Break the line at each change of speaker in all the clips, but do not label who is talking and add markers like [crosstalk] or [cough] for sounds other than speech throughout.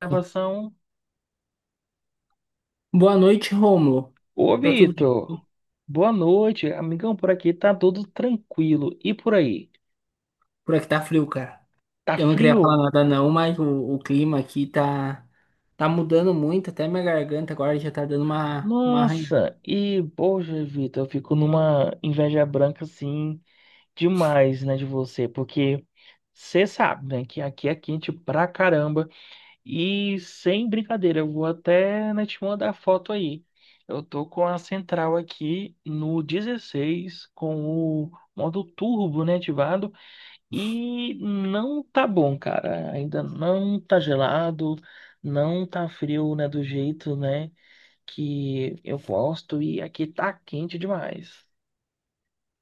Gravação.
Boa noite, Rômulo.
Ô,
Tá tudo bem?
Vitor, boa noite, amigão. Por aqui tá tudo tranquilo. E por aí?
Por aqui tá frio, cara.
Tá
Eu não queria falar
frio?
nada não, mas o clima aqui tá mudando muito, até minha garganta agora já tá dando uma arranhada.
Nossa, e poxa, Vitor, eu fico numa inveja branca assim demais, né, de você, porque você sabe, né, que aqui é quente pra caramba. E sem brincadeira, eu vou até, né, te mandar foto aí. Eu tô com a central aqui no 16 com o modo turbo, né, ativado. E não tá bom, cara. Ainda não tá gelado, não tá frio, né, do jeito, né, que eu gosto. E aqui tá quente demais.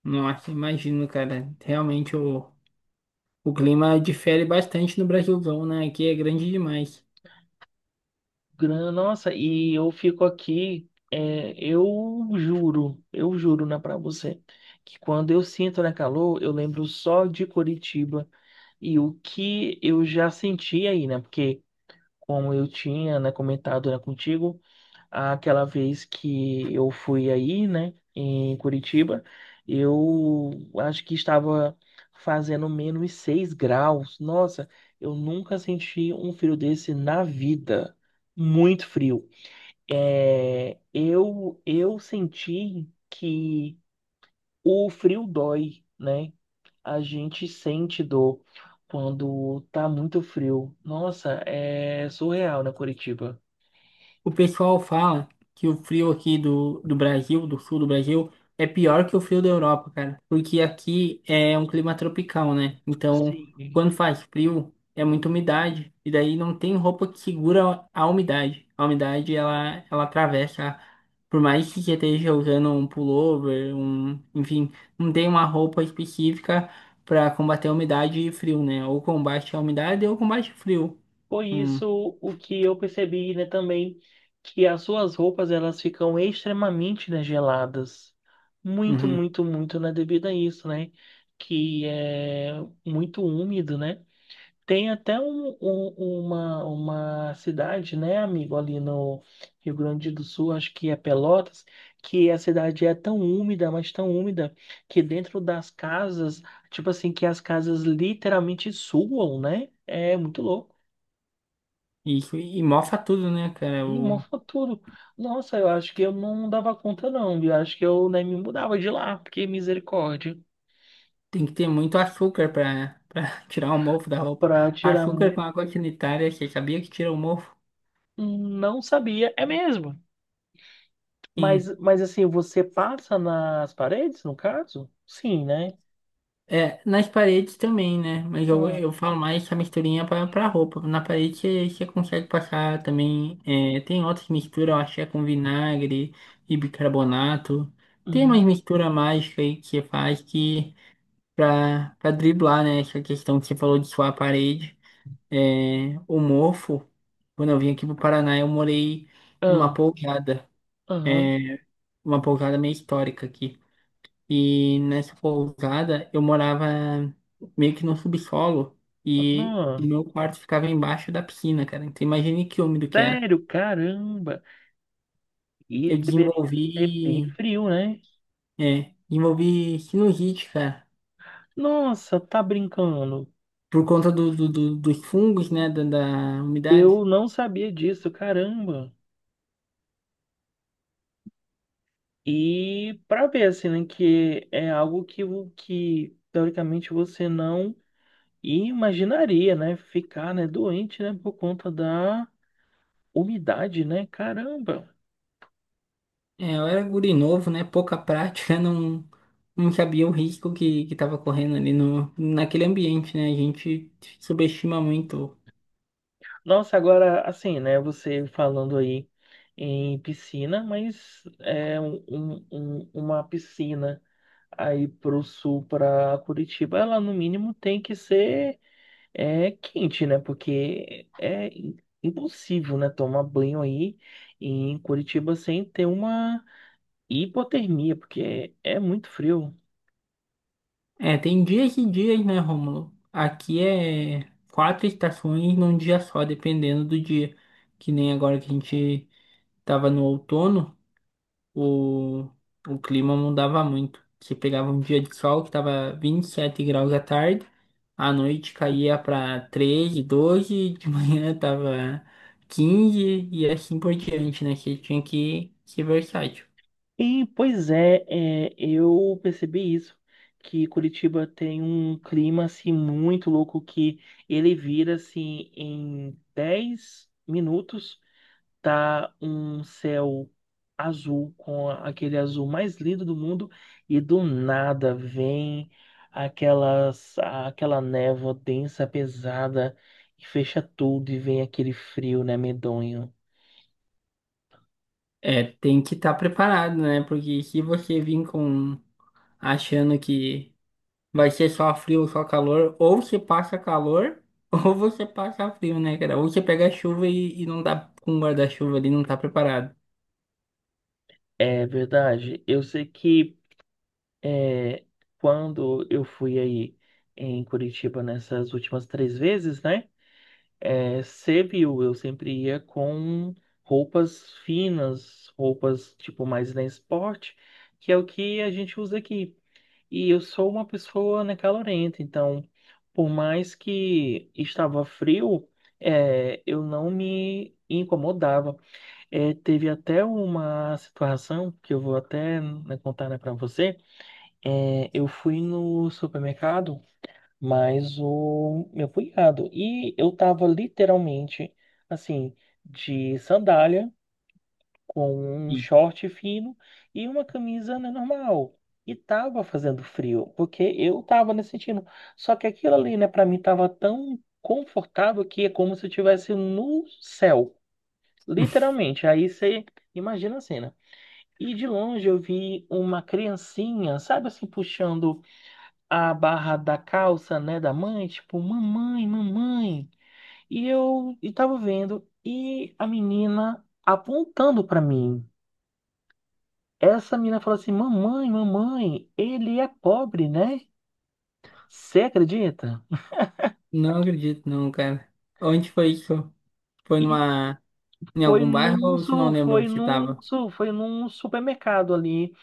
Nossa, imagino, cara. Realmente o clima difere bastante no Brasilzão, né? Aqui é grande demais.
Nossa, e eu fico aqui, é, eu juro, né, pra você, que quando eu sinto, né, calor, eu lembro só de Curitiba e o que eu já senti aí, né, porque como eu tinha, né, comentado, né, contigo. Aquela vez que eu fui aí, né, em Curitiba, eu acho que estava fazendo menos 6 graus. Nossa, eu nunca senti um frio desse na vida. Muito frio. É, eu senti que o frio dói, né? A gente sente dor quando tá muito frio. Nossa, é surreal, né, Curitiba?
O pessoal fala que o frio aqui do Brasil, do sul do Brasil, é pior que o frio da Europa, cara. Porque aqui é um clima tropical, né? Então, quando
Sim.
faz frio, é muita umidade. E daí não tem roupa que segura a umidade. A umidade, ela atravessa. Por mais que você esteja usando um pullover, um, enfim, não tem uma roupa específica para combater a umidade e frio, né? Ou combate a umidade ou combate o frio.
Foi
Hum,
isso o que eu percebi, né, também, que as suas roupas elas ficam extremamente, né, geladas. Muito,
uhum.
muito, muito, né, devido a isso, né, que é muito úmido, né. Tem até uma cidade, né, amigo, ali no Rio Grande do Sul, acho que é Pelotas, que a cidade é tão úmida, mas tão úmida, que dentro das casas, tipo assim, que as casas literalmente suam, né, é muito louco.
E, e mofa tudo, né, cara?
E uma
O,
tudo. Nossa, eu acho que eu não dava conta, não. Eu acho que eu nem me mudava de lá, porque misericórdia.
tem que ter muito açúcar pra [laughs] tirar o mofo da roupa.
Pra tirar.
Açúcar com água sanitária, você sabia que tira o mofo?
Não sabia, é mesmo.
Sim.
Mas assim, você passa nas paredes, no caso? Sim, né?
É, nas paredes também, né? Mas eu,
Ah,
eu falo mais essa misturinha pra roupa. Na parede você consegue passar também. É, tem outras misturas, eu acho que é com vinagre e bicarbonato. Tem umas
hum,
misturas mágicas aí que você faz que pra driblar, né? Essa questão que você falou de suar a parede. É, o mofo, quando eu vim aqui pro Paraná, eu morei numa
ah,
pousada,
aham,
é, uma pousada meio histórica aqui. E nessa pousada eu morava meio que no subsolo e
aham.
meu quarto ficava embaixo da piscina, cara. Então imagine que úmido que era.
Sério, caramba. E
Eu
deveria ser bem
desenvolvi,
frio, né?
é, desenvolvi sinusite, cara,
Nossa, tá brincando.
por conta dos fungos, né, da umidade.
Eu não sabia disso, caramba. E para ver, assim, né, que é algo que, que teoricamente você não imaginaria, né? Ficar, né, doente, né, por conta da umidade, né? Caramba!
É, eu era guri novo, né? Pouca prática, [laughs] não, não sabia o risco que tava correndo ali no, naquele ambiente, né? A gente subestima muito.
Nossa, agora, assim, né, você falando aí em piscina, mas é uma piscina aí pro sul, para Curitiba, ela no mínimo tem que ser. É quente, né? Porque é impossível, né? Tomar banho aí em Curitiba sem ter uma hipotermia, porque é muito frio.
É, tem dias e dias, né, Rômulo? Aqui é quatro estações num dia só, dependendo do dia. Que nem agora que a gente tava no outono. o, o, clima mudava muito. Você pegava um dia de sol que estava 27 graus à tarde, à noite caía para 13, 12 de [laughs] manhã tava 15 e assim por diante, né? Você tinha que ser versátil.
E, pois é, é, eu percebi isso, que Curitiba tem um clima assim muito louco que ele vira assim em 10 minutos, tá um céu azul com aquele azul mais lindo do mundo e do nada vem aquela névoa densa, pesada, e fecha tudo e vem aquele frio, né, medonho.
É, tem que estar preparado, né? Porque se você vir com achando que vai ser só frio ou só calor, ou você passa calor, [laughs] ou você passa frio, né, cara? Ou você pega chuva e não tá com um guarda-chuva ali, não tá preparado.
É verdade. Eu sei que é, quando eu fui aí em Curitiba nessas últimas 3 vezes, né? É, servil, eu sempre ia com roupas finas, roupas tipo mais na esporte, que é o que a gente usa aqui. E eu sou uma pessoa, né, calorenta, então por mais que estava frio, é, eu não me incomodava. É, teve até uma situação que eu vou até né, contar, né, para você. É, eu fui no supermercado mas o meu cunhado. E eu tava literalmente, assim, de sandália, com um short fino e uma camisa, né, normal. E tava fazendo frio, porque eu tava nesse sentindo. Só que aquilo ali, né, pra mim tava tão confortável que é como se eu estivesse no céu,
Sim.
literalmente. Aí você imagina a cena. E de longe eu vi uma criancinha, sabe assim, puxando a barra da calça, né, da mãe, tipo, mamãe, mamãe. E eu e tava vendo e a menina apontando pra mim. Essa menina falou assim: "Mamãe, mamãe, ele é pobre, né? Você acredita?"
Não acredito, não, cara. Onde foi isso? Foi
E
numa, em algum bairro ou se não lembro que tava?
foi num supermercado ali.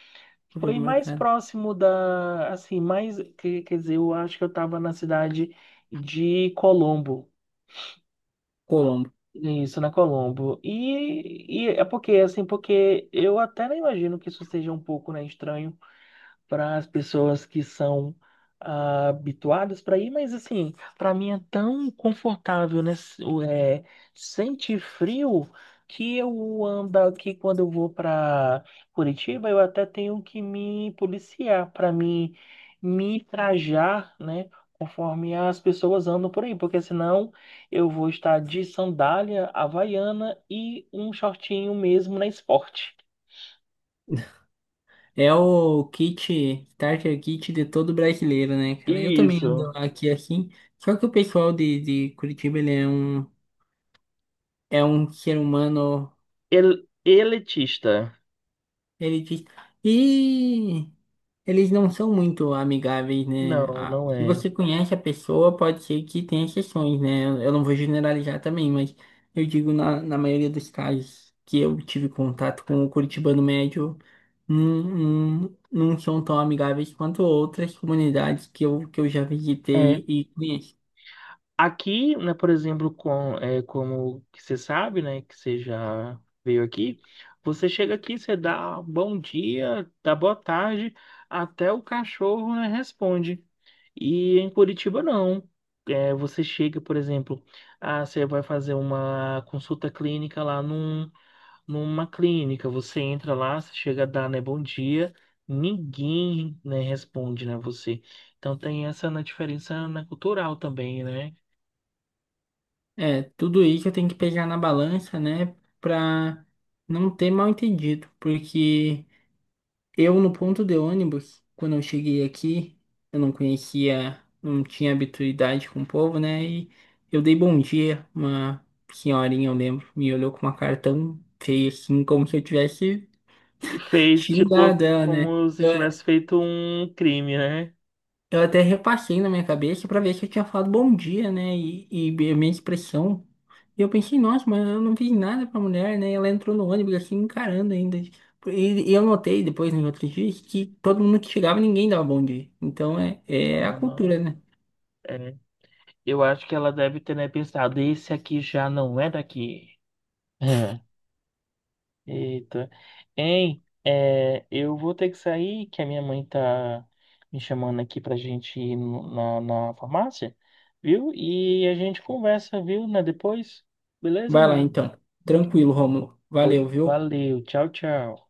Foi mais
Supermercado.
próximo da, assim, mais, que- quer dizer, eu acho que eu tava na cidade de Colombo.
Colombo.
Isso, na Colombo. E é porque, assim, porque eu até não imagino que isso seja um pouco, né, estranho para as pessoas que são ah, habituadas para ir, mas assim, para mim é tão confortável, né? É, sentir frio que eu ando aqui, quando eu vou para Curitiba, eu até tenho que me policiar para me trajar, né? Conforme as pessoas andam por aí, porque senão eu vou estar de sandália havaiana e um shortinho mesmo na esporte.
É o kit, starter kit de todo brasileiro, né, cara? Eu também ando
Isso.
aqui assim. Só que o pessoal de Curitiba, ele é um ser humano.
El elitista.
Ele diz. E eles não são muito amigáveis, né?
Não,
Ah,
não
se
é.
você conhece a pessoa, pode ser que tenha exceções, né? Eu não vou generalizar também, mas eu digo na maioria dos casos que eu tive contato com o curitibano médio, não, não, não são tão amigáveis quanto outras comunidades que eu já
É,
visitei e conheço.
aqui, né, por exemplo, com, é, como que você sabe, né, que você já veio aqui, você chega aqui, você dá bom dia, dá boa tarde, até o cachorro, né, responde. E em Curitiba, não. É, você chega, por exemplo, ah, você vai fazer uma consulta clínica lá num, numa clínica, você entra lá, você chega a dar, né, bom dia, ninguém, né, responde, né, você. Então tem essa né, diferença né, cultural também, né?
É, tudo isso eu tenho que pegar na balança, né? Pra não ter mal entendido, porque. Eu, no ponto de ônibus, quando eu cheguei aqui, eu não conhecia, não tinha habituidade com o povo, né? E eu dei bom dia, uma senhorinha, eu lembro, me olhou com uma cara tão feia assim, como se eu tivesse xingado ela, né?
Como se tivesse feito um crime, né?
Eu até repassei na minha cabeça pra ver se eu tinha falado bom dia, né? E a minha expressão. E eu pensei, nossa, mas eu não fiz nada pra mulher, né? E ela entrou no ônibus assim, encarando ainda. E eu notei depois, nos outros dias, que todo mundo que chegava, ninguém dava bom dia. Então é a
Ah,
cultura, né?
é. Eu acho que ela deve ter, né, pensado, esse aqui já não é daqui. [laughs] Eita. Hein, é, eu vou ter que sair, que a minha mãe tá me chamando aqui pra gente ir na, na farmácia, viu? E a gente conversa, viu, né, depois. Beleza,
Vai lá,
amigo?
então. Tranquilo, Rômulo.
Pois
Valeu, viu?
valeu. Tchau, tchau.